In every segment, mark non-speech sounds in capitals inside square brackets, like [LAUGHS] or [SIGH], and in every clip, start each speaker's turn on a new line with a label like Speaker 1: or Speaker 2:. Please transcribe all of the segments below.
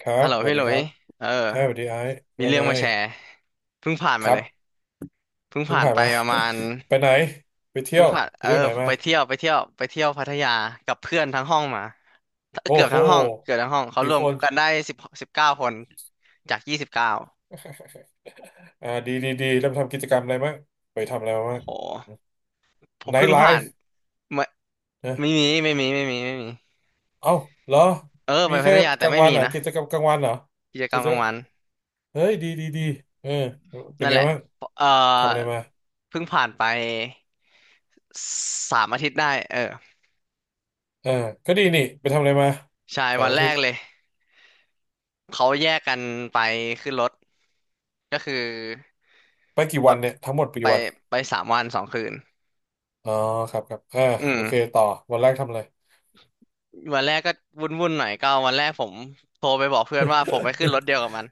Speaker 1: ครั
Speaker 2: ฮั
Speaker 1: บ
Speaker 2: ลโหล
Speaker 1: สวัส
Speaker 2: พี่ห
Speaker 1: ดี
Speaker 2: ลุ
Speaker 1: ค
Speaker 2: ย
Speaker 1: รับ
Speaker 2: เออ
Speaker 1: เอ้ยสวัสดีไอ้
Speaker 2: มี
Speaker 1: ว่า
Speaker 2: เรื่อ
Speaker 1: ไง
Speaker 2: งมาแชร์ เพิ่งผ่าน
Speaker 1: ค
Speaker 2: มา
Speaker 1: รั
Speaker 2: เล
Speaker 1: บ
Speaker 2: ยเพิ่ง
Speaker 1: เพิ่ง
Speaker 2: ผ่าน
Speaker 1: ผ่าน
Speaker 2: ไป
Speaker 1: มา
Speaker 2: ประมาณ
Speaker 1: [LAUGHS] ไปไหนไปเที่
Speaker 2: เพิ่
Speaker 1: ย
Speaker 2: ง
Speaker 1: ว
Speaker 2: ผ่าน
Speaker 1: ไหน
Speaker 2: ไป
Speaker 1: มา
Speaker 2: เที่ยวไปเที่ยวไปเที่ยวพัทยากับเพื่อนทั้งห้องมาเกื
Speaker 1: โอ้
Speaker 2: อบ
Speaker 1: โห
Speaker 2: ทั้งห้องเกือบทั้งห้องเขาร
Speaker 1: กี่
Speaker 2: ว
Speaker 1: ค
Speaker 2: ม
Speaker 1: น
Speaker 2: กันได้สิบเก้าคนจาก29
Speaker 1: [LAUGHS] ดีดีดีแล้วไปทำกิจกรรมอะไรมั้างไปทำอะไรมา
Speaker 2: โอ้
Speaker 1: บ้าง
Speaker 2: โหผม
Speaker 1: ไน
Speaker 2: เพิ่
Speaker 1: ท์
Speaker 2: ง
Speaker 1: ไล
Speaker 2: ผ่าน
Speaker 1: ฟ์
Speaker 2: ไม่ไม่
Speaker 1: นะ
Speaker 2: มีไม่มีไม่มีไม่มี
Speaker 1: เอ้าเหรอ
Speaker 2: ไป
Speaker 1: มี
Speaker 2: พั
Speaker 1: แค่
Speaker 2: ทยา
Speaker 1: ก
Speaker 2: แต่
Speaker 1: ลาง
Speaker 2: ไม่
Speaker 1: วัน
Speaker 2: มี
Speaker 1: เหรอ
Speaker 2: นะ
Speaker 1: กิจกรรมกลางวันเหรอ
Speaker 2: กิจกร
Speaker 1: กิ
Speaker 2: รม
Speaker 1: จ
Speaker 2: กลางวัน
Speaker 1: เฮ้ยดีดีดีเออเป็น
Speaker 2: นั่น
Speaker 1: ไง
Speaker 2: แหละ
Speaker 1: บ้าง
Speaker 2: เออ
Speaker 1: ทำอะไรมา
Speaker 2: เพิ่งผ่านไป3 อาทิตย์ได้เออ
Speaker 1: เออก็ดีนี่ไปทำอะไรมา
Speaker 2: ใช่
Speaker 1: สา
Speaker 2: วั
Speaker 1: ม
Speaker 2: น
Speaker 1: อา
Speaker 2: แร
Speaker 1: ทิต
Speaker 2: ก
Speaker 1: ย์
Speaker 2: เลย เขาแยกกันไปขึ้นรถก็คือ
Speaker 1: ไปกี่
Speaker 2: ร
Speaker 1: วัน
Speaker 2: ถ
Speaker 1: เนี่ยทั้งหมดไป
Speaker 2: ไป
Speaker 1: กี่วัน
Speaker 2: ไป3 วัน 2 คืน
Speaker 1: อ๋อครับครับเออ
Speaker 2: อื
Speaker 1: โอเค
Speaker 2: ม
Speaker 1: ต่อวันแรกทำอะไร
Speaker 2: วันแรกก็วุ่นวุ่นหน่อยก็วันแรกผมโทรไปบอกเพื่อนว่าผมไปขึ้นรถเดีย
Speaker 1: [LAUGHS]
Speaker 2: วกับมัน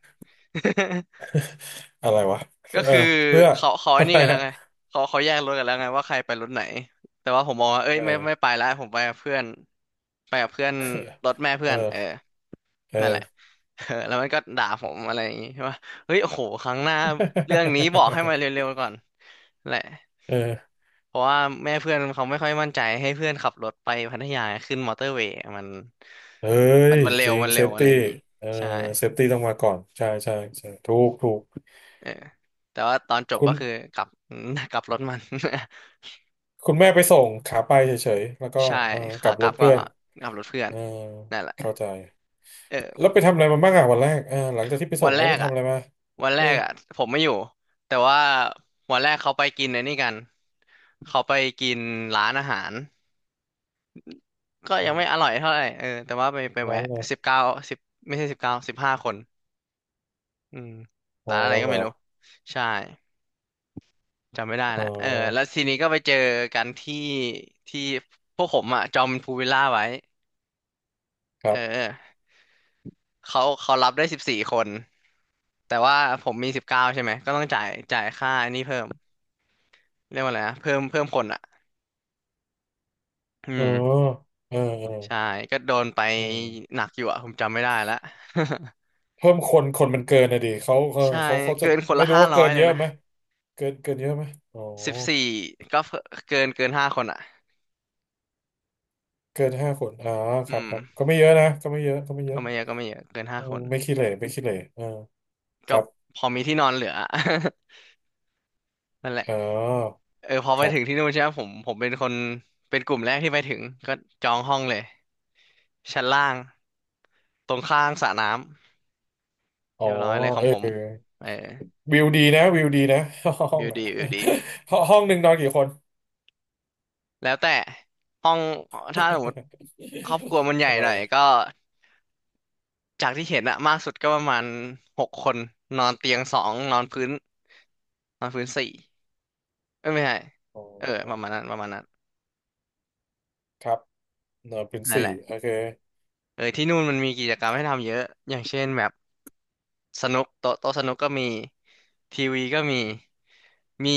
Speaker 1: อะไรวะ
Speaker 2: [LAUGHS] ก็
Speaker 1: เออ
Speaker 2: คือ
Speaker 1: เพื่อ
Speaker 2: เขา
Speaker 1: [LAUGHS]
Speaker 2: ไอ้
Speaker 1: อะ
Speaker 2: นี่
Speaker 1: ไร
Speaker 2: กันแล้ว
Speaker 1: อ่ะ
Speaker 2: ไงเขาแยกรถกันแล้วไงว่าใครไปรถไหนแต่ว่าผมบอกว่าเอ้ย
Speaker 1: เอ
Speaker 2: ไม่ไป
Speaker 1: อ
Speaker 2: แล้วผมไปกับเพื่อนรถแม่เพื่
Speaker 1: เอ
Speaker 2: อน
Speaker 1: อ
Speaker 2: นั่นแหละ
Speaker 1: เออ
Speaker 2: [LAUGHS] เออแล้วมันก็ด่าผมอะไรอย่างงี้ใช่ปะเฮ้ยโอ้โหครั้งหน้าเรื่องนี้บอกให้มาเร็วๆก่อนแหละ
Speaker 1: [LAUGHS] เออ
Speaker 2: เพราะว่าแม่เพื่อนเขาไม่ค่อยมั่นใจให้เพื่อนขับรถไปพัทยาขึ้นมอเตอร์เวย์มัน
Speaker 1: เฮ้
Speaker 2: มั
Speaker 1: ย
Speaker 2: นมันเร็
Speaker 1: จ
Speaker 2: ว
Speaker 1: ริง
Speaker 2: มันเร็
Speaker 1: เซ
Speaker 2: ว
Speaker 1: ฟ
Speaker 2: อะไร
Speaker 1: ตี้
Speaker 2: อย่างงี้
Speaker 1: เออ
Speaker 2: ใช่
Speaker 1: เซฟตี้ต้องมาก่อนใช่ใช่ใช่ถูกถูก
Speaker 2: เออแต่ว่าตอนจบ
Speaker 1: คุ
Speaker 2: ก็
Speaker 1: ณ
Speaker 2: คือกลับ [LAUGHS] กลับรถมัน
Speaker 1: คุณแม่ไปส่งขาไปเฉยๆแล้วก็
Speaker 2: [LAUGHS] ใช่
Speaker 1: เออก
Speaker 2: ขา
Speaker 1: ลับ
Speaker 2: ก
Speaker 1: ร
Speaker 2: ลับ
Speaker 1: ถ
Speaker 2: ก็
Speaker 1: เพื่อน
Speaker 2: ขับรถเพื่อ
Speaker 1: เอ
Speaker 2: น
Speaker 1: อ
Speaker 2: นั่นแหละ
Speaker 1: เข้าใจ
Speaker 2: เออ
Speaker 1: แล้วไปทำอะไรมาบ้างอ่ะวันแรกเออหลังจากที่ไป
Speaker 2: วั
Speaker 1: ส่ง
Speaker 2: นแร
Speaker 1: แล้วไป
Speaker 2: กอ่ะ
Speaker 1: ทำอะไรมา
Speaker 2: วันแร
Speaker 1: เออ
Speaker 2: กอ่ะผมไม่อยู่แต่ว่าวันแรกเขาไปกินไอ้นี่กันเขาไปกินร้านอาหารก็ยังไม่อร่อยเท่าไหร่เออแต่ว่าไป
Speaker 1: ร้าน
Speaker 2: แวะ
Speaker 1: อะไร
Speaker 2: สิบเก้าสิบไม่ใช่สิบเก้า15 คน อืม
Speaker 1: อ๋อ
Speaker 2: ร้านอะไรก็
Speaker 1: เหรอ
Speaker 2: ไม่รู้ ใช่จำไม่ได้
Speaker 1: อ๋อ
Speaker 2: ละเออแล้วทีนี้ก็ไปเจอกันที่ที่พวกผมอ่ะจองพูลวิลล่าไว้
Speaker 1: ค
Speaker 2: เ
Speaker 1: รับ
Speaker 2: ออเขารับได้14 คนแต่ว่าผมมีสิบเก้าใช่ไหมก็ต้องจ่ายค่าอันนี้เพิ่มเรียกว่าอะไรนะเพิ่มคนอ่ะอื
Speaker 1: เออ
Speaker 2: ม
Speaker 1: เออเออ
Speaker 2: ใช่ก็โดนไป
Speaker 1: อืม
Speaker 2: หนักอยู่อ่ะผมจำไม่ได้ละ
Speaker 1: เพิ่มคนมันเกินนะดิ
Speaker 2: [LAUGHS] ใช่
Speaker 1: เขาจะ
Speaker 2: เกินคน
Speaker 1: ไม่
Speaker 2: ละ
Speaker 1: รู้
Speaker 2: ห้า
Speaker 1: ว่า
Speaker 2: ร้อ
Speaker 1: เกิ
Speaker 2: ย
Speaker 1: น
Speaker 2: เล
Speaker 1: เย
Speaker 2: ย
Speaker 1: อะ
Speaker 2: นะ
Speaker 1: ไหมเกินเยอะไหมอ๋อ
Speaker 2: สิบสี่ก็เกินห้าคนอ่ะ
Speaker 1: เกินห้าคนอ๋อค
Speaker 2: อื
Speaker 1: รับ
Speaker 2: ม
Speaker 1: ครับก็ไม่เยอะนะก็ไม่เย
Speaker 2: ก็
Speaker 1: อะ
Speaker 2: ไม่เยอะก็ไม่เยอะเกิน
Speaker 1: เอ
Speaker 2: ห้า
Speaker 1: อ
Speaker 2: คน
Speaker 1: ไม่ขี้เหร่ไม่ขี้เหร่เออค
Speaker 2: ก็
Speaker 1: รับ
Speaker 2: พอมีที่นอนเหลือ [LAUGHS] นั่นแหละ
Speaker 1: อ๋อ
Speaker 2: เออพอไป
Speaker 1: ครั
Speaker 2: ถึงที่
Speaker 1: บ
Speaker 2: นู่นใช่ไหมผมเป็นคนเป็นกลุ่มแรกที่ไปถึงก็จองห้องเลยชั้นล่างตรงข้างสระน้ำ
Speaker 1: อ๋อ
Speaker 2: เรียบร้อยเลยขอ
Speaker 1: เอ
Speaker 2: งผม
Speaker 1: อ
Speaker 2: เออ
Speaker 1: วิวดีนะวิวดีนะห้อง
Speaker 2: วิว
Speaker 1: อ่ะ
Speaker 2: ดีวิวดี
Speaker 1: ห้อง [LAUGHS] ห้องหนึ่งนอนกี่คน
Speaker 2: แล้วแต่ห้องถ้าสมมติครอบครัวมันให
Speaker 1: [LAUGHS]
Speaker 2: ญ่
Speaker 1: ทำไม
Speaker 2: หน่อยก็จากที่เห็นอะมากสุดก็ประมาณ6 คนนอนเตียงสองนอนพื้นนอนพื้นสี่เอ้ยไม่ใช่
Speaker 1: อ๋
Speaker 2: เออประ
Speaker 1: อ
Speaker 2: มาณนั้นประมาณนั้น
Speaker 1: ครับเนอนเป็น
Speaker 2: นั่น
Speaker 1: สี่
Speaker 2: แหละ
Speaker 1: โอเค
Speaker 2: เออที่นู่นมันมีกิจกรรมให้ทำเยอะอย่างเช่นแบบ สนุกโต๊ะโต๊ะสนุกก็มีทีวีก็มี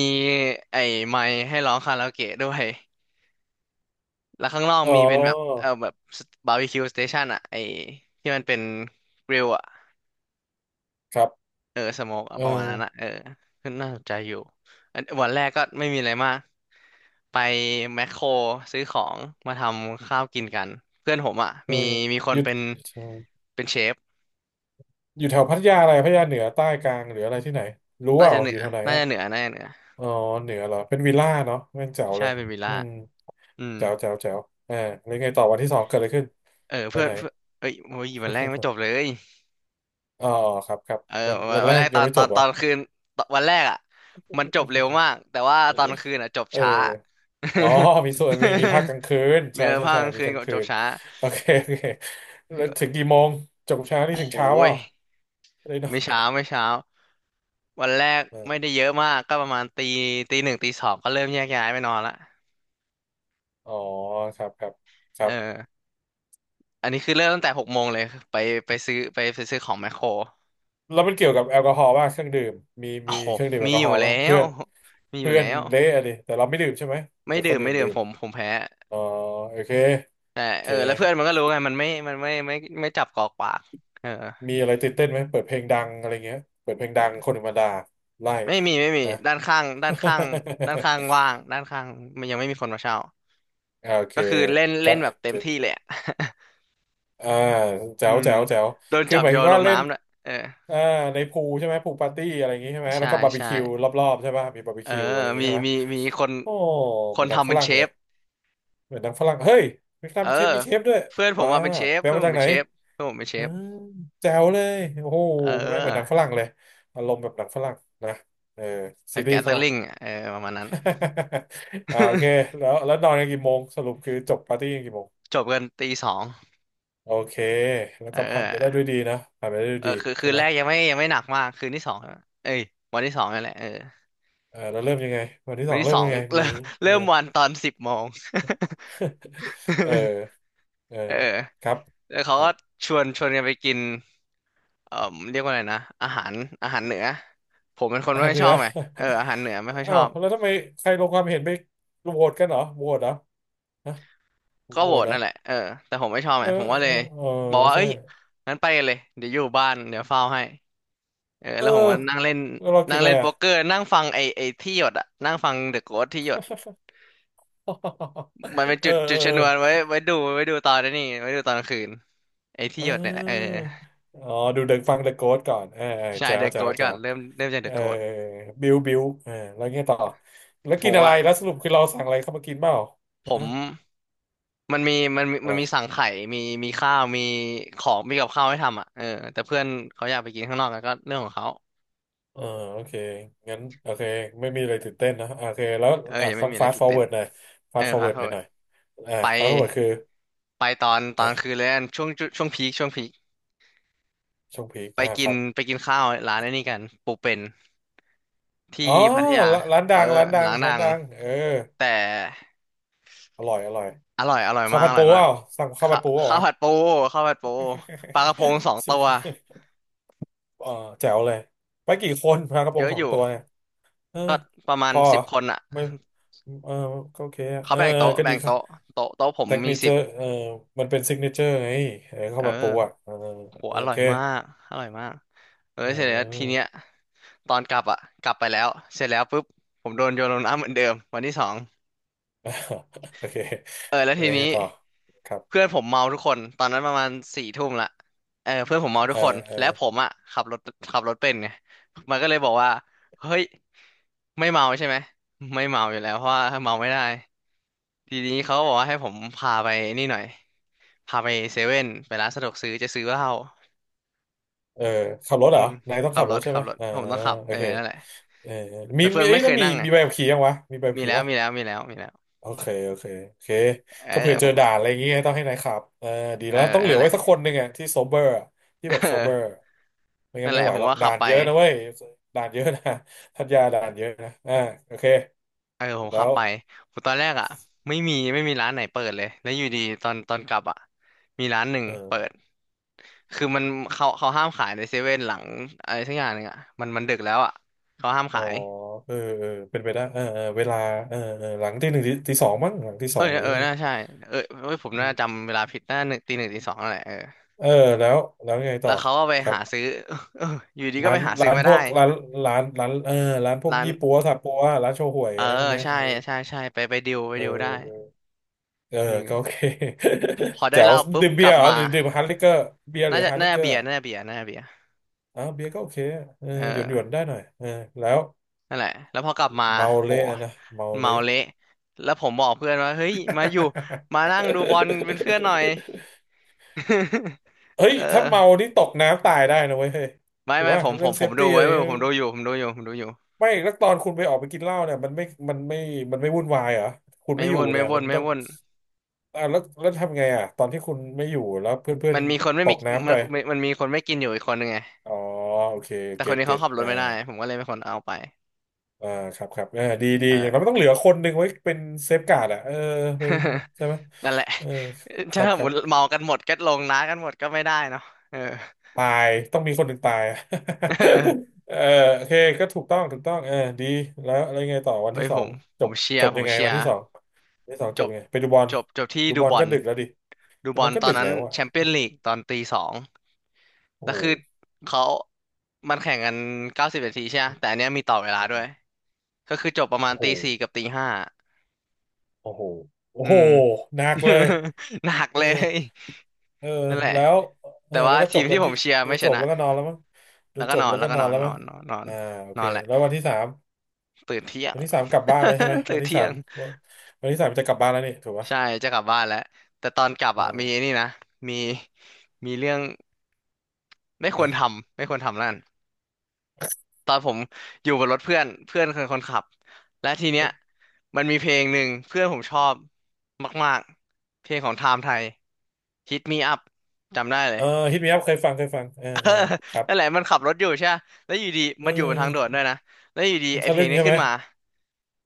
Speaker 2: ไอ้ไมค์ให้ร้องคาราโอเกะด้วย [LAUGHS] แล้วข้างนอก
Speaker 1: อ๋
Speaker 2: มีเป็นแบบเอ
Speaker 1: อ
Speaker 2: อแบบบาร์บีคิวสเตชันอ่ะไอ้ที่มันเป็นกริลอ่ะ
Speaker 1: ครับ
Speaker 2: เออสโมก
Speaker 1: เอ
Speaker 2: ประมาณนั้นอ่ะ
Speaker 1: อ
Speaker 2: เออน่าสนใจอยู่อันวันแรกก็ไม่มีอะไรมากไปแมคโครซื้อของมาทำข้าวกินกันเพื่อนผมอ่ะ
Speaker 1: เออ
Speaker 2: มีค
Speaker 1: อ
Speaker 2: น
Speaker 1: ยู่
Speaker 2: เป็นเชฟ
Speaker 1: อยู่แถวพัทยาอะไรพัทยาเหนือใต้กลางหรืออะไรที่ไหนรู้เป
Speaker 2: น่า
Speaker 1: ล่า
Speaker 2: จะเหนื
Speaker 1: อ
Speaker 2: อ
Speaker 1: ยู่แถวไหน
Speaker 2: น่า
Speaker 1: อะ
Speaker 2: จะเหนือน่าจะเหนือ
Speaker 1: อ๋อเหนือเหรอเป็นวิลล่าเนาะแม่งแจ๋วเล
Speaker 2: ใช่
Speaker 1: ย
Speaker 2: เป็นวิลล่า
Speaker 1: อืม
Speaker 2: อืม
Speaker 1: แจ๋วแจ๋วแจ๋วอ่าแล้วไงต่อวันที่สองเกิดอะไรขึ้น
Speaker 2: เออ
Speaker 1: ไป
Speaker 2: เพื่อ
Speaker 1: ไห
Speaker 2: น
Speaker 1: น
Speaker 2: เพื่อนเอ้ยโอ้ยวันแรกไม่จบเล
Speaker 1: [LAUGHS]
Speaker 2: ย
Speaker 1: อ๋อครับครับ
Speaker 2: เออวัน
Speaker 1: วัน
Speaker 2: วั
Speaker 1: แร
Speaker 2: นแร
Speaker 1: ก
Speaker 2: กต
Speaker 1: ยั
Speaker 2: อ
Speaker 1: ง
Speaker 2: น
Speaker 1: ไม่
Speaker 2: ต
Speaker 1: จ
Speaker 2: อน
Speaker 1: บเห
Speaker 2: ต
Speaker 1: รอ
Speaker 2: อนคืนตอนวันแรกอ่ะมันจบเร็วมากแต่ว่าตอนคืนอ่ะจบ
Speaker 1: เอ
Speaker 2: ช้า
Speaker 1: ออ๋อมีส่วนมีภาคก
Speaker 2: [LAUGHS]
Speaker 1: ลางคืน
Speaker 2: เอ
Speaker 1: ใช่
Speaker 2: อ
Speaker 1: ใช่
Speaker 2: ภาค
Speaker 1: ใช่
Speaker 2: กลาง
Speaker 1: มี
Speaker 2: คืน
Speaker 1: กลาง
Speaker 2: ก็จ
Speaker 1: คื
Speaker 2: บ
Speaker 1: น
Speaker 2: ช้า
Speaker 1: [LAUGHS] โอเคโอเคแล้วถึงกี่โมงจบเช้านี่
Speaker 2: โอ้
Speaker 1: ถึง
Speaker 2: โห
Speaker 1: เช้าเป
Speaker 2: ย
Speaker 1: ล่าเลยเนาะ
Speaker 2: ไม่เช้าไม่เช้าวันแรก
Speaker 1: เออ
Speaker 2: ไม่ได้เยอะมากก็ประมาณตีหนึ่งตีสองก็เริ่มแยกย้ายไปนอนละ
Speaker 1: อ๋อครับครับค
Speaker 2: เอ
Speaker 1: รั
Speaker 2: อ
Speaker 1: บ
Speaker 2: อันนี้คือเริ่มตั้งแต่6 โมงเลยไปไปซื้อของแมคโคร
Speaker 1: แล้วมันเกี่ยวกับแอลกอฮอล์ป่ะเครื่องดื่มมี
Speaker 2: โอ้โห
Speaker 1: เครื่องดื่มแอ
Speaker 2: มี
Speaker 1: ลกอ
Speaker 2: อ
Speaker 1: ฮ
Speaker 2: ยู่
Speaker 1: อล์
Speaker 2: แล้
Speaker 1: ป่ะเพื่
Speaker 2: ว
Speaker 1: อน
Speaker 2: มีอ
Speaker 1: เพื่
Speaker 2: ยู่
Speaker 1: อ
Speaker 2: แล้
Speaker 1: น
Speaker 2: ว
Speaker 1: เละอะดิแต่เราไม่ดื่มใช่ไหม
Speaker 2: ไม่
Speaker 1: แต่ค
Speaker 2: ดื่
Speaker 1: น
Speaker 2: ม
Speaker 1: อื่
Speaker 2: ไม่
Speaker 1: น
Speaker 2: ดื่
Speaker 1: ดื่
Speaker 2: ม
Speaker 1: ม
Speaker 2: ผมแพ้
Speaker 1: อ๋อโอเค
Speaker 2: แต่
Speaker 1: โอเค
Speaker 2: เออแล้วเพื่อนมันก็รู้ไงมันไม่จับกอกปากเออ
Speaker 1: มีอะไรตื่นเต้นไหมเปิดเพลงดังอะไรเงี้ยเปิดเพลงดังคนอื่นมาด่าไล่
Speaker 2: ไม่มี
Speaker 1: ฮะ
Speaker 2: ด้านข้างด้านข้างด้านข้าง
Speaker 1: [LAUGHS]
Speaker 2: ว่างด้านข้างมันยังไม่มีคนมาเช่า
Speaker 1: อ่าโอเค
Speaker 2: ก็คือเล่นเล่
Speaker 1: ก็
Speaker 2: นแบบเต็ม
Speaker 1: เก็
Speaker 2: ที่เลย
Speaker 1: ต
Speaker 2: อะ
Speaker 1: อ่า
Speaker 2: [LAUGHS]
Speaker 1: แจ๋
Speaker 2: อื
Speaker 1: ว
Speaker 2: ม
Speaker 1: แจ๋วแจ๋ว
Speaker 2: โดน
Speaker 1: คือ
Speaker 2: จับ
Speaker 1: หมาย
Speaker 2: โย
Speaker 1: ถึง
Speaker 2: นล
Speaker 1: ว่า
Speaker 2: ง
Speaker 1: เล่น
Speaker 2: น้ำด้วยเออ
Speaker 1: อ่าในพูลใช่ไหมพูลปาร์ตี้อะไรอย่างงี้ใช่ไหมแล้
Speaker 2: ใช่
Speaker 1: วก็บาร์บี
Speaker 2: ใช่
Speaker 1: คิวรอบๆใช่ป่ะมีบาร์บี
Speaker 2: เออ
Speaker 1: คิวอะไรอย่างงี้
Speaker 2: มี
Speaker 1: ใช่ไหม
Speaker 2: มีมีคน
Speaker 1: โอ้
Speaker 2: ค
Speaker 1: เห
Speaker 2: น
Speaker 1: มือนหนัง
Speaker 2: ทำ
Speaker 1: ฝ
Speaker 2: เป็น
Speaker 1: รั่
Speaker 2: เช
Speaker 1: งเลย
Speaker 2: ฟ
Speaker 1: เหมือนหนังฝรั่ง เฮ้ยเวียดนา
Speaker 2: เอ
Speaker 1: ม
Speaker 2: อ
Speaker 1: มันเชฟมีเชฟด้วย
Speaker 2: เพื่อนผม
Speaker 1: บ้า
Speaker 2: มาเป็นเชฟ
Speaker 1: ไป
Speaker 2: เพื่
Speaker 1: เอา
Speaker 2: อน
Speaker 1: มา
Speaker 2: ผม
Speaker 1: จาก
Speaker 2: เป็
Speaker 1: ไหน
Speaker 2: นเชฟเพื่อนผมเป็นเช
Speaker 1: อื
Speaker 2: ฟ
Speaker 1: มแจ๋วเลยโอ้โห
Speaker 2: เ
Speaker 1: ไม่เหมือนหนังฝ
Speaker 2: ออ
Speaker 1: รั่งเลยอารมณ์แบบหนังฝรั่งนะเออซี
Speaker 2: แก
Speaker 1: รีส์
Speaker 2: ส
Speaker 1: ฝ
Speaker 2: เตอร
Speaker 1: รั่ง
Speaker 2: ลิงเออประมาณนั้น
Speaker 1: [LAUGHS] อ่าโอเคแล้วนอนกันกี่โมงสรุปคือจบปาร์ตี้กันกี่โมง
Speaker 2: [LAUGHS] จบกันตี 2
Speaker 1: โอเคแล้ว
Speaker 2: เ
Speaker 1: ก็ผ่านไปได้ด้วย
Speaker 2: ออ
Speaker 1: ดีนะผ่านไปได้ด้ว
Speaker 2: เอ
Speaker 1: ย
Speaker 2: อ
Speaker 1: ดี
Speaker 2: คือคื
Speaker 1: ใช่
Speaker 2: น
Speaker 1: ไหม
Speaker 2: แรกยังไม่หนักมากคืนที่สองอะเอ้ยวันที่สองนั่นแหละเออ
Speaker 1: เออเราเริ่มยังไงวันที่
Speaker 2: วั
Speaker 1: ส
Speaker 2: น
Speaker 1: อง
Speaker 2: ที่
Speaker 1: เริ่
Speaker 2: ส
Speaker 1: ม
Speaker 2: อ
Speaker 1: ยั
Speaker 2: ง
Speaker 1: งไง
Speaker 2: [LAUGHS] เริ่ม
Speaker 1: มี
Speaker 2: เริ่
Speaker 1: อะ
Speaker 2: ม
Speaker 1: ไร
Speaker 2: วันตอน10 โมง
Speaker 1: [LAUGHS] เออ
Speaker 2: [LAUGHS]
Speaker 1: เออ
Speaker 2: เออ
Speaker 1: ครับ
Speaker 2: แล้วเขา
Speaker 1: ครั
Speaker 2: ก็
Speaker 1: บ
Speaker 2: ชวนกันไปกินเอ่อเรียกว่าอะไรนะอาหารเหนือผมเป็นคน
Speaker 1: อ่า
Speaker 2: ไม่
Speaker 1: ร
Speaker 2: ค่อ
Speaker 1: เห
Speaker 2: ย
Speaker 1: นื
Speaker 2: ชอ
Speaker 1: อ
Speaker 2: บไงเอออาหารเหนือไม่ค่อ
Speaker 1: [LAUGHS]
Speaker 2: ยช
Speaker 1: อ้า
Speaker 2: อ
Speaker 1: ว
Speaker 2: บ
Speaker 1: แล้วทำไมใครลงความเห็นไปโหวตกันเหรอโหวตเหรอฮะ
Speaker 2: ก็
Speaker 1: โหว
Speaker 2: โหว
Speaker 1: ต
Speaker 2: ต
Speaker 1: เหรอ
Speaker 2: นั่นแหละเออแต่ผมไม่ชอบ
Speaker 1: เอ
Speaker 2: ไง
Speaker 1: อ
Speaker 2: ผมก็เล
Speaker 1: เอ
Speaker 2: ย
Speaker 1: อเออ
Speaker 2: บอกว่า
Speaker 1: ใช่
Speaker 2: เอ้ยงั้นไปกันเลยเดี๋ยวอยู่บ้านเดี๋ยวเฝ้าให้เออ
Speaker 1: เออ
Speaker 2: แล้วผมก็นั่งเล่น
Speaker 1: แล้วเรากิ
Speaker 2: นั่ง
Speaker 1: นอะไร
Speaker 2: เล่นโป๊
Speaker 1: อ่ะ
Speaker 2: กเกอร์นั่งฟังไอที่หยดอะนั่งฟังเดอะโกสที่หยด มันเป็น
Speaker 1: [LAUGHS] เอ
Speaker 2: จุ
Speaker 1: อ
Speaker 2: ดจุ
Speaker 1: เอ
Speaker 2: ด
Speaker 1: อ
Speaker 2: ช
Speaker 1: เอ
Speaker 2: นวนไว้
Speaker 1: อ
Speaker 2: ไว้ดูไว้ดูตอนนี้ไว้ดูตอนกลางคืนไอ้ที่
Speaker 1: เอ
Speaker 2: หยดเนี่ยแหละเออ
Speaker 1: ออ๋อดูเดินฟังเดอะโ s t ก่อนเออเออ
Speaker 2: ใช่
Speaker 1: แจ๋
Speaker 2: เด
Speaker 1: ว
Speaker 2: อะโก
Speaker 1: แจ๋ว
Speaker 2: ส
Speaker 1: แจ๋
Speaker 2: ก่อน
Speaker 1: ว
Speaker 2: เริ่มจาก
Speaker 1: เอ
Speaker 2: เดอะ
Speaker 1: อ
Speaker 2: โกส
Speaker 1: บิวบิวเออแล้วไงต่อแล้ว
Speaker 2: ผ
Speaker 1: กิ
Speaker 2: ม
Speaker 1: นอะไร
Speaker 2: ว่า
Speaker 1: แล้วสรุปคือเราสั่งอะไรเข้ามากินเปล่า
Speaker 2: ผ
Speaker 1: ฮะ
Speaker 2: มมันมีมันมี
Speaker 1: อะ
Speaker 2: มัน
Speaker 1: ไร
Speaker 2: มีสั่งไข่มีมีข้าวมีของมีกับข้าวให้ทำอ่ะเออแต่เพื่อนเขาอยากไปกินข้างนอกกันก็เรื่องของเขา
Speaker 1: อ่าโอเคงั้นโอเคไม่มีอะไรตื่นเต้นนะอ่าโอเคแล้ว
Speaker 2: เออ
Speaker 1: อ่ะ
Speaker 2: ยังไม่
Speaker 1: ต้อง
Speaker 2: มีอะไร
Speaker 1: fast
Speaker 2: ตื่นเต้น
Speaker 1: forward หน่อย
Speaker 2: เออ
Speaker 1: fast
Speaker 2: พา
Speaker 1: forward
Speaker 2: เขา
Speaker 1: ไปหน่อยอ่า
Speaker 2: ไป
Speaker 1: fast forward คือ
Speaker 2: ไปตอนกลาง
Speaker 1: อ่ะ
Speaker 2: คืนเลยกันช่วงพีค
Speaker 1: ช่วงพีค
Speaker 2: ไป
Speaker 1: อ่า
Speaker 2: กิ
Speaker 1: ค
Speaker 2: น
Speaker 1: รับ
Speaker 2: ไปกินข้าวร้านไอ้นี่กันปูเป็นที่
Speaker 1: อ๋อ
Speaker 2: พัทยา
Speaker 1: ร้านดั
Speaker 2: เออ
Speaker 1: ง
Speaker 2: ร้านดั
Speaker 1: ร้าน
Speaker 2: ง
Speaker 1: ดังเออ
Speaker 2: แต่
Speaker 1: อร่อย
Speaker 2: อร่อยอร่อย
Speaker 1: ข้าว
Speaker 2: มาก
Speaker 1: ผั
Speaker 2: อ
Speaker 1: ด
Speaker 2: ร่
Speaker 1: ปู
Speaker 2: อยมา
Speaker 1: เป
Speaker 2: ก
Speaker 1: ล่าสั่งข้าว
Speaker 2: ข้า
Speaker 1: ผัดปูเปล่า
Speaker 2: ข้าว
Speaker 1: วะ
Speaker 2: ผัดปูข้าวผัดปูปลากระพงสอง
Speaker 1: [LAUGHS] ซิ
Speaker 2: ตั
Speaker 1: ก
Speaker 2: ว
Speaker 1: [LAUGHS] เออแจ๋วเลยไปกี่คนปลากระพ
Speaker 2: เย
Speaker 1: ง
Speaker 2: อะ
Speaker 1: ส
Speaker 2: อ
Speaker 1: อง
Speaker 2: ยู่
Speaker 1: ตัวเนี่ยเออ
Speaker 2: ก็ประมา
Speaker 1: พ
Speaker 2: ณ
Speaker 1: อเหร
Speaker 2: สิ
Speaker 1: อ
Speaker 2: บคนอ่ะ
Speaker 1: ไม่เออก็โอเคอะ
Speaker 2: เขา
Speaker 1: เออ
Speaker 2: แบ่ง
Speaker 1: เออ
Speaker 2: โต๊ะ
Speaker 1: ก็
Speaker 2: แบ่
Speaker 1: ดี
Speaker 2: ง
Speaker 1: ครับ
Speaker 2: โต๊ะโต๊ะผม
Speaker 1: s ท g
Speaker 2: มี
Speaker 1: นิเจ
Speaker 2: สิ
Speaker 1: อ
Speaker 2: บ
Speaker 1: ร์เออมันเป็นซิกเนเจอร์ไงเออข้า
Speaker 2: เอ
Speaker 1: ว
Speaker 2: อ
Speaker 1: ผัดปูอ่ะเออ
Speaker 2: โห
Speaker 1: เออ
Speaker 2: อ
Speaker 1: โอ
Speaker 2: ร่อ
Speaker 1: เค
Speaker 2: ยมากอร่อยมากเออ
Speaker 1: อื
Speaker 2: เสร็จแล้วทีเนี้ย
Speaker 1: ม
Speaker 2: ตอนกลับอ่ะกลับไปแล้วเสร็จแล้วปุ๊บผมโดนโยนลงน้ำเหมือนเดิมวันที่สอง
Speaker 1: [LAUGHS] โอเค
Speaker 2: เออแล้ว
Speaker 1: แล้
Speaker 2: ที
Speaker 1: วยัง
Speaker 2: นี้
Speaker 1: ไงต่อครับ
Speaker 2: เพื่อนผมเมาทุกคนตอนนั้นประมาณ4 ทุ่มละเออเพื่อนผมเมาทุ
Speaker 1: เอ
Speaker 2: ก
Speaker 1: อ
Speaker 2: คน
Speaker 1: เออ
Speaker 2: และผมอ่ะขับรถขับรถเป็นไงมันก็เลยบอกว่าเฮ้ย ไม่เมาใช่ไหมไม่เมาอยู่แล้วเพราะว่าเมาไม่ได้ทีนี้เขาก็บอกว่าให้ผมพาไปนี่หน่อยพาไปเซเว่นไปร้านสะดวกซื้อจะซื้อเหล้า
Speaker 1: เออขับร
Speaker 2: อื
Speaker 1: ถเหรอ
Speaker 2: ม
Speaker 1: นายต้อง
Speaker 2: ขับ
Speaker 1: ขับ
Speaker 2: ร
Speaker 1: รถ
Speaker 2: ถ
Speaker 1: ใช่
Speaker 2: ขับ
Speaker 1: ปะ
Speaker 2: รถ
Speaker 1: อ่า
Speaker 2: ผมต้องขับ
Speaker 1: โอ
Speaker 2: เออ
Speaker 1: เค
Speaker 2: นั่นแหละ
Speaker 1: เออมี
Speaker 2: แล้วเพื่
Speaker 1: มี
Speaker 2: อน
Speaker 1: เอ้ย
Speaker 2: ไม่
Speaker 1: แล้
Speaker 2: เค
Speaker 1: ว
Speaker 2: ย
Speaker 1: มี
Speaker 2: นั่งไง
Speaker 1: มีใบขับขี่ยังวะมีใบขับ
Speaker 2: มี
Speaker 1: ขี่
Speaker 2: แล้ว
Speaker 1: ปะ
Speaker 2: มีแล้วมีแล้วมีแล้ว
Speaker 1: โอเคโอเคโอเค
Speaker 2: เออ
Speaker 1: ก็เผื่อ
Speaker 2: ผ
Speaker 1: เจอ
Speaker 2: มก็
Speaker 1: ด่านอะไรอย่างเงี้ยต้องให้นายขับเออดี
Speaker 2: เอ
Speaker 1: แล้
Speaker 2: อ
Speaker 1: วต้องเหลื
Speaker 2: นั่
Speaker 1: อ
Speaker 2: นแห
Speaker 1: ไว้
Speaker 2: ละ
Speaker 1: สักคนหนึ่งอะที่โซเบอร์ที่แบ
Speaker 2: [LAUGHS]
Speaker 1: บโซเบอร์
Speaker 2: เออ
Speaker 1: ไม่
Speaker 2: นั่
Speaker 1: งั้
Speaker 2: น
Speaker 1: น
Speaker 2: แห
Speaker 1: ไม่
Speaker 2: ละ
Speaker 1: ไหว
Speaker 2: ผม
Speaker 1: หรอก
Speaker 2: ว่าขั
Speaker 1: ด่า
Speaker 2: บ
Speaker 1: น
Speaker 2: ไป
Speaker 1: เยอะนะเว้ยด่านเยอะนะ [LAUGHS] ทัดยาด่านเยอะนะอ่าโอเค
Speaker 2: เออผมขั
Speaker 1: แล้
Speaker 2: บ
Speaker 1: ว
Speaker 2: ไปผมตอนแรกอ่ะไม่มีร้านไหนเปิดเลยแล้วอยู่ดีตอนกลับอ่ะมีร้านหนึ่งเปิ
Speaker 1: เออ
Speaker 2: ด คือมันเขาห้ามขายในเซเว่นหลังอะไรสักอย่างหนึ่งอ่ะมันดึกแล้วอ่ะเขาห้าม
Speaker 1: อ๋อ
Speaker 2: ขาย
Speaker 1: เออเออเป็นไปได้เออเออเวลาเออเออหลังตีหนึ่งตีสองมั้งหลังตี
Speaker 2: เอ
Speaker 1: สอ
Speaker 2: อ
Speaker 1: งหรือ
Speaker 2: เออ
Speaker 1: อะไร
Speaker 2: น่าใช่เออเอ้ยผม
Speaker 1: อื
Speaker 2: น่า
Speaker 1: ม
Speaker 2: จำเวลาผิดน่าหนึ่งตีหนึ่งตีสองนั่นแหละเออ
Speaker 1: เออแล้วแล้วไงต่
Speaker 2: แล้
Speaker 1: อ
Speaker 2: วเขาก็ไป
Speaker 1: ครับ
Speaker 2: หาซื้อ [LAUGHS] เอออยู่ดีก็
Speaker 1: ร้า
Speaker 2: ไป
Speaker 1: น
Speaker 2: หาซื้อ
Speaker 1: ร้าน
Speaker 2: มา
Speaker 1: พ
Speaker 2: ได้
Speaker 1: วกร้านร้านร้านเออร้านพวก
Speaker 2: ร้าน
Speaker 1: ยี่ปัวซาปัวร้านโชห่วย
Speaker 2: เออ
Speaker 1: อะไรพวกเนี้ย
Speaker 2: ใช่
Speaker 1: เออ
Speaker 2: ใช่ใช่ไปดิวไป
Speaker 1: เ
Speaker 2: ดิวได้
Speaker 1: ออเออก็โอ
Speaker 2: เออ
Speaker 1: เค
Speaker 2: พอ
Speaker 1: [LAUGHS]
Speaker 2: ได้
Speaker 1: แจ๋
Speaker 2: เห
Speaker 1: ว
Speaker 2: ล้าปุ๊บ
Speaker 1: ดื่ม
Speaker 2: ก
Speaker 1: เบีย
Speaker 2: ลั
Speaker 1: ร์
Speaker 2: บ
Speaker 1: เหรอ
Speaker 2: มา
Speaker 1: หรือดื่มฮาร์ดลิเกอร์เบียร์ห
Speaker 2: น่า
Speaker 1: รือ
Speaker 2: จะ
Speaker 1: ฮาร์ด
Speaker 2: น่า
Speaker 1: ลิเก
Speaker 2: จะ
Speaker 1: อ
Speaker 2: เบี
Speaker 1: ร์
Speaker 2: ยร์
Speaker 1: อะ
Speaker 2: น่าจะเบียร์น่าจะเบียร์
Speaker 1: อาวเบียร์ก็โอเคเออ
Speaker 2: เออ
Speaker 1: หยวนหยวนได้หน่อยเออแล้ว
Speaker 2: นั่นแหละแล้วพอกลับมา
Speaker 1: เมา
Speaker 2: โห
Speaker 1: เละนะเมาเละ
Speaker 2: เมาเละแล้วผมบอกเพื่อนว่าเฮ้ยมาอยู่มานั่งดูบอลเป็นเพื่อนหน่อย [LAUGHS]
Speaker 1: เฮ้ย
Speaker 2: เอ
Speaker 1: ถ้าเมา
Speaker 2: อ
Speaker 1: นี่ตกน้ำตายได้นะเว้ยเฮ้ย
Speaker 2: ไม่
Speaker 1: ถูก
Speaker 2: ไม่
Speaker 1: ว่า
Speaker 2: ผมผ
Speaker 1: เรื่อ
Speaker 2: ม
Speaker 1: งเซ
Speaker 2: ผม
Speaker 1: ฟ
Speaker 2: ดู
Speaker 1: ตี้อะ
Speaker 2: ไว้
Speaker 1: ไร
Speaker 2: เว้ย
Speaker 1: เงี้ย
Speaker 2: ผมดูอยู่ผมดูอยู่ผมดูอยู่
Speaker 1: ไม่แล้วตอนคุณไปออกไปกินเหล้าเนี่ยมันไม่มันไม่วุ่นวายเหรอคุณ
Speaker 2: ไม่
Speaker 1: ไม่อยู่
Speaker 2: วุ่นไม่
Speaker 1: เนี่ย
Speaker 2: วุ่
Speaker 1: มั
Speaker 2: น
Speaker 1: น
Speaker 2: ไม่
Speaker 1: ต้อง
Speaker 2: วุ่น
Speaker 1: อ่ะแล้วแล้วทำไงอ่ะตอนที่คุณไม่อยู่แล้วเพื่อนเพื่อน
Speaker 2: มันมีคนไม่
Speaker 1: ต
Speaker 2: มี
Speaker 1: กน้ำ
Speaker 2: มั
Speaker 1: ไป
Speaker 2: นมันมีคนไม่กินอยู่อีกคนนึงไง
Speaker 1: อ๋อโอเค
Speaker 2: แต่ค
Speaker 1: เก็
Speaker 2: น
Speaker 1: ต
Speaker 2: นี้
Speaker 1: เก็
Speaker 2: เขา
Speaker 1: ต
Speaker 2: ขับรถ
Speaker 1: อ่า
Speaker 2: ไม่ได้ผมก็เลยเป็นคนเอาไป
Speaker 1: อ่าครับครับอ่าดีดี
Speaker 2: เอ
Speaker 1: อย่างน้อยมั
Speaker 2: อ
Speaker 1: นต้องเหลือคนหนึ่งไว้เป็นเซฟการ์ดอ่ะเออเป็นใช่ไหม
Speaker 2: [LAUGHS] นั่นแหละ
Speaker 1: เออค
Speaker 2: ถ้า
Speaker 1: รับค
Speaker 2: หม
Speaker 1: รับ
Speaker 2: ดเมากันหมดก็ลงน้ากันหมดก็ไม่ได้เนาะเออ
Speaker 1: ตายต้องมีคนหนึ่งตาย
Speaker 2: [LAUGHS] เออ
Speaker 1: [LAUGHS] เออโอเคก็ถูกต้องถูกต้องเออดีแล้วอะไรไงต่อวัน
Speaker 2: ว้ย
Speaker 1: ที่ส
Speaker 2: ผ
Speaker 1: อง
Speaker 2: มผ
Speaker 1: จ
Speaker 2: ม
Speaker 1: บ
Speaker 2: เชีย
Speaker 1: จ
Speaker 2: ร์
Speaker 1: บ
Speaker 2: ผ
Speaker 1: ยั
Speaker 2: ม
Speaker 1: งไง
Speaker 2: เชีย
Speaker 1: วัน
Speaker 2: ร์
Speaker 1: ที่สองวันที่สอง
Speaker 2: จ
Speaker 1: จบ
Speaker 2: บ
Speaker 1: ยังไงไปดูบอล
Speaker 2: จบที่
Speaker 1: ดู
Speaker 2: ดู
Speaker 1: บอ
Speaker 2: บ
Speaker 1: ล
Speaker 2: อ
Speaker 1: ก็
Speaker 2: ล
Speaker 1: ดึกแล้วดิ
Speaker 2: ดู
Speaker 1: ดู
Speaker 2: บ
Speaker 1: บ
Speaker 2: อ
Speaker 1: อ
Speaker 2: ล
Speaker 1: ลก็
Speaker 2: ตอ
Speaker 1: ดึ
Speaker 2: น
Speaker 1: ก
Speaker 2: นั้
Speaker 1: แล้
Speaker 2: น
Speaker 1: วอ่ะ
Speaker 2: แชมเปี้ยนลีกตอนตีสอง
Speaker 1: โอ้
Speaker 2: แล้ว
Speaker 1: โห
Speaker 2: คือเขามันแข่งกัน90 นาทีใช่ไหม
Speaker 1: อืม
Speaker 2: แต่อันเนี้ยมีต่อเวลาด้ว
Speaker 1: อื
Speaker 2: ย
Speaker 1: ม
Speaker 2: ก็คือจบประมาณ
Speaker 1: โอ้โห
Speaker 2: ตีสี่กับตีห้า
Speaker 1: โอ้โหโอ้
Speaker 2: อื
Speaker 1: โห
Speaker 2: ม
Speaker 1: หนักเลย
Speaker 2: [LAUGHS] หนัก
Speaker 1: เออ
Speaker 2: เลย
Speaker 1: เออ
Speaker 2: นั่นแหละ
Speaker 1: แล้วเอ
Speaker 2: แต่
Speaker 1: อแล้
Speaker 2: ว่า
Speaker 1: วก็จ
Speaker 2: ที
Speaker 1: บ
Speaker 2: ม
Speaker 1: กั
Speaker 2: ที่
Speaker 1: น
Speaker 2: ผ
Speaker 1: ที่
Speaker 2: มเชียร์
Speaker 1: ดู
Speaker 2: ไม่
Speaker 1: จ
Speaker 2: ช
Speaker 1: บ
Speaker 2: นะ
Speaker 1: แล้วก็นอนแล้วมั้งดู
Speaker 2: แล้วก็
Speaker 1: จ
Speaker 2: น
Speaker 1: บ
Speaker 2: อน
Speaker 1: แล้วก็นอนแล้ว
Speaker 2: นอ
Speaker 1: มั้ง
Speaker 2: นนอนนอน
Speaker 1: อ่าโอ
Speaker 2: น
Speaker 1: เค
Speaker 2: อนแหละ
Speaker 1: แล้ววันที่สาม
Speaker 2: ตื่นเที่ยง
Speaker 1: วันที่สามกลับบ้านแล้วใช่ไหม
Speaker 2: [LAUGHS]
Speaker 1: วั
Speaker 2: ตื่
Speaker 1: น
Speaker 2: น
Speaker 1: ที่
Speaker 2: เที่
Speaker 1: สา
Speaker 2: ย
Speaker 1: ม
Speaker 2: ง
Speaker 1: วันวันที่สามจะกลับบ้านแล้วนี่ถูกปะ
Speaker 2: ใช่จะกลับบ้านแล้ว แต่ตอนกลับ
Speaker 1: อ่
Speaker 2: อ่ะมีไอ้
Speaker 1: า
Speaker 2: นี่นะ มีมีเรื่องไม่ควร
Speaker 1: อ่ะ
Speaker 2: ทำ ไม่ควรทำนั่นตอนผมอยู่บนรถเพื่อน เพื่อนคือคนขับ และทีเนี้ยมันมีเพลงหนึ่งเพื่อนผมชอบมากๆ เพลงของไทม์ไทย Hit Me Up จำได้เล
Speaker 1: เอ
Speaker 2: ย
Speaker 1: อฮิตมีอัพเคยฟังเคยฟังเออเออครับ
Speaker 2: [LAUGHS] นั่นแหละมันขับรถอยู่ใช่ปะแล้วอยู่ดี
Speaker 1: อื
Speaker 2: มันอยู่บนทางด่วนด้
Speaker 1: ม
Speaker 2: วยนะแล้วอยู่ดี
Speaker 1: มัน
Speaker 2: ไอ
Speaker 1: ทะ
Speaker 2: เพล
Speaker 1: ลึ่
Speaker 2: ง
Speaker 1: ง
Speaker 2: นี้
Speaker 1: ใช่ไห
Speaker 2: ขึ้
Speaker 1: ม
Speaker 2: นมา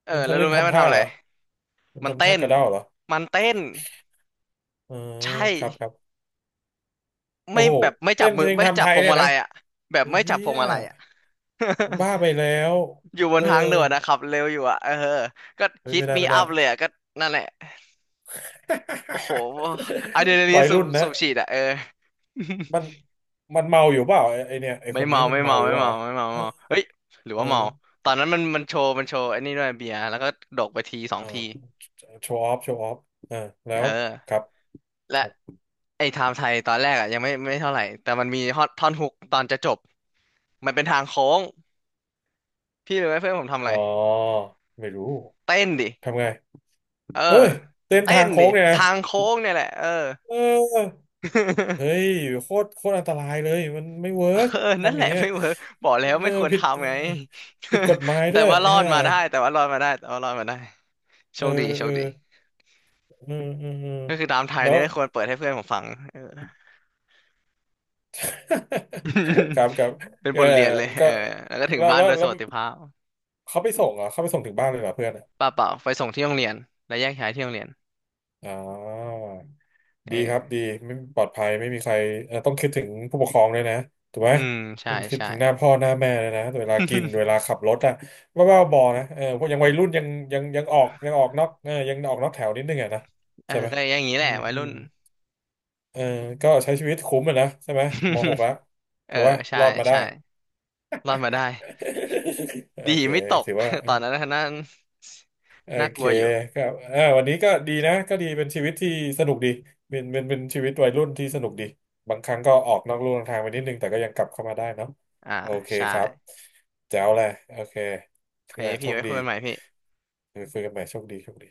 Speaker 2: เออ
Speaker 1: มัน
Speaker 2: แล้
Speaker 1: ทะ
Speaker 2: ว
Speaker 1: ลึ่
Speaker 2: รู้
Speaker 1: ง
Speaker 2: ไหมมั
Speaker 1: ทำ
Speaker 2: น
Speaker 1: ท่า
Speaker 2: ทำอะ
Speaker 1: เห
Speaker 2: ไร
Speaker 1: รอมัน
Speaker 2: มัน
Speaker 1: ทำท่า
Speaker 2: เต้น
Speaker 1: กระเด้าเหรอ
Speaker 2: มันเต้น
Speaker 1: เออ
Speaker 2: ใช่
Speaker 1: ครับครับโอ้
Speaker 2: ไม่
Speaker 1: โห
Speaker 2: แบบไม่จั
Speaker 1: เต้
Speaker 2: บ
Speaker 1: น
Speaker 2: มื
Speaker 1: เพ
Speaker 2: อ
Speaker 1: ลง
Speaker 2: ไม่
Speaker 1: ทำ
Speaker 2: จั
Speaker 1: ไท
Speaker 2: บพ
Speaker 1: ย
Speaker 2: วง
Speaker 1: เนี่ย
Speaker 2: มา
Speaker 1: นะ
Speaker 2: ลัยอ่ะแบบ
Speaker 1: เฮี
Speaker 2: ไม่จับพว
Speaker 1: ย
Speaker 2: งมาลัยอ่ะ
Speaker 1: บ้าไปแล้ว
Speaker 2: [LAUGHS] อยู่บ
Speaker 1: เอ
Speaker 2: น
Speaker 1: อ
Speaker 2: ทางด่วนนะขับเร็วอยู่อ่ะเออก็
Speaker 1: เฮ้ย
Speaker 2: ฮิต
Speaker 1: ไม่ได้
Speaker 2: มี
Speaker 1: ไม่ได้
Speaker 2: อัพเลยอ่ะก็นั่นแหละโอ้โหอะดรีนาลี
Speaker 1: [LAUGHS]
Speaker 2: น
Speaker 1: วัย
Speaker 2: สูบ
Speaker 1: รุ่น
Speaker 2: สู
Speaker 1: นะ
Speaker 2: บฉีดอ่ะเออ
Speaker 1: มัน
Speaker 2: [LAUGHS]
Speaker 1: มันเมาอยู่เปล่าไอ้ไอเนี่ยไอ
Speaker 2: ไม่
Speaker 1: คนนี้
Speaker 2: เมา
Speaker 1: มัน
Speaker 2: ไม่
Speaker 1: เมา
Speaker 2: เมา
Speaker 1: อยู่
Speaker 2: ไม่
Speaker 1: เปล่า
Speaker 2: เมา
Speaker 1: วะ
Speaker 2: ไม่เมา
Speaker 1: เอ
Speaker 2: ไม่
Speaker 1: อ
Speaker 2: เมาเฮ้ยหรือ
Speaker 1: เอ
Speaker 2: ว่า
Speaker 1: อ
Speaker 2: เมาตอนนั้นมันโชว์ไอ้นี่ด้วยเบียร์แล้วก็ดกไปทีสอง
Speaker 1: อ่า
Speaker 2: ที
Speaker 1: โชว์ออฟโชว์ออฟอ่าแล้
Speaker 2: เอ
Speaker 1: ว
Speaker 2: อ
Speaker 1: ครับค
Speaker 2: และ
Speaker 1: รับ
Speaker 2: ไอ้ไทม์ไทยตอนแรกอ่ะยังไม่เท่าไหร่แต่มันมีฮอตท่อนฮุกตอนจะจบมันเป็นทางโค้งพี่รู้ไหมเพื่อนผมทำอะ
Speaker 1: อ๋
Speaker 2: ไร
Speaker 1: อไม่รู้
Speaker 2: เต้นดิ
Speaker 1: ทำไง
Speaker 2: เออ
Speaker 1: เฮ้ยเส้น
Speaker 2: เต้
Speaker 1: ทาง
Speaker 2: น
Speaker 1: โค้
Speaker 2: ดิ
Speaker 1: งเนี่ยนะ
Speaker 2: ทางโค้งเนี่ยแหละเออ
Speaker 1: เออเฮ้ย
Speaker 2: [LAUGHS]
Speaker 1: โคตรโคตรอันตรายเลยมันไม่เวิ
Speaker 2: เอ
Speaker 1: ร์ก
Speaker 2: อนั่น
Speaker 1: ทำอ
Speaker 2: แห
Speaker 1: ย่า
Speaker 2: ละ
Speaker 1: งเงี้ย
Speaker 2: ไม่เวิร์กบอกแล้ว
Speaker 1: เอ
Speaker 2: ไม่
Speaker 1: อ
Speaker 2: ควร
Speaker 1: ผิดเออ
Speaker 2: ทำไง
Speaker 1: ผิดกฎหมาย
Speaker 2: [LAUGHS]
Speaker 1: ด้
Speaker 2: แต่
Speaker 1: วย
Speaker 2: ว่ารอด
Speaker 1: ฮะ
Speaker 2: มาได้แต่ว่ารอดมาได้แต่ว่ารอดมาได้โช
Speaker 1: เออ
Speaker 2: คดีโช
Speaker 1: เอ
Speaker 2: ค
Speaker 1: อ
Speaker 2: ดี
Speaker 1: เออเออเออ
Speaker 2: ก็คือตามไทย
Speaker 1: แล้
Speaker 2: เนี่ย
Speaker 1: ว
Speaker 2: ไม่ควรเปิดให้เพื่อนผมฟังเออ
Speaker 1: [LAUGHS] ครั
Speaker 2: [LAUGHS]
Speaker 1: บครับ
Speaker 2: เป็น
Speaker 1: เอ
Speaker 2: บ
Speaker 1: อ
Speaker 2: ทเรียนเลยเอ
Speaker 1: ก็
Speaker 2: อแล้วก็ถึง
Speaker 1: แล้ว
Speaker 2: บ้าน
Speaker 1: แล้
Speaker 2: โด
Speaker 1: ว
Speaker 2: ยส
Speaker 1: แล้ว
Speaker 2: วัสดิภาพ
Speaker 1: เขาไปส่งเหรอเขาไปส่งถึงบ้านเลยเหรอเพื่อนอ่ะ
Speaker 2: เปล่าเปล่าไปส่งที่โรงเรียนแล้วแยกย้ายที่โรงเรียน
Speaker 1: อ๋อ
Speaker 2: เอ
Speaker 1: ดีครับดี
Speaker 2: อ
Speaker 1: ไม่ปลอดภัยไม่มีใครต้องคิดถึงผู้ปกครองด้วยนะถูกไหม
Speaker 2: อืมใช่
Speaker 1: มันคิด
Speaker 2: ใช่
Speaker 1: ถึงหน้าพ่อหน้าแม่เลยนะเวลากิน
Speaker 2: [LAUGHS]
Speaker 1: เวลาขับรถอะว่าบ้าบอนะเออพวกยังวัยรุ่นยังยังออกยังออกนอกเออยังออกนอกแถวนิดนึงอะนะ
Speaker 2: เออ
Speaker 1: ใช่ไหม
Speaker 2: ก็อย่างนี้แห
Speaker 1: อื
Speaker 2: ละ
Speaker 1: ม
Speaker 2: วัย
Speaker 1: อื
Speaker 2: รุ่
Speaker 1: ม
Speaker 2: น
Speaker 1: เออก็ใช้ชีวิตคุ้มอะนะใช่ไหมมหกแล้ว
Speaker 2: [LAUGHS] เอ
Speaker 1: ถื
Speaker 2: อ
Speaker 1: อว่า
Speaker 2: ใช่
Speaker 1: รอดมาได้
Speaker 2: ใช่รอดมาได้
Speaker 1: [LAUGHS] โอ
Speaker 2: ดี
Speaker 1: เค
Speaker 2: ไม่ตก
Speaker 1: ถือว่า
Speaker 2: [LAUGHS] ตอนนั้นน่นา
Speaker 1: โอ
Speaker 2: น่าก
Speaker 1: เค
Speaker 2: ลัวอยู่
Speaker 1: ครับอ่าวันนี้ก็ดีนะก็ดีเป็นชีวิตที่สนุกดีเป็นชีวิตวัยรุ่นที่สนุกดีบางครั้งก็ออกนอกลู่นอกทางไปนิดนึงแต่ก็ยังกลับเข้ามาได้เนาะ
Speaker 2: อ่า
Speaker 1: โอเค
Speaker 2: ใช่
Speaker 1: ครับแจ๋วเลยโอเค
Speaker 2: โอเค
Speaker 1: อ่าโช
Speaker 2: พี่
Speaker 1: ค
Speaker 2: ไว้
Speaker 1: ดี
Speaker 2: คุยกันใหม่พี่
Speaker 1: คุยกันใหม่โชคดีโชคดี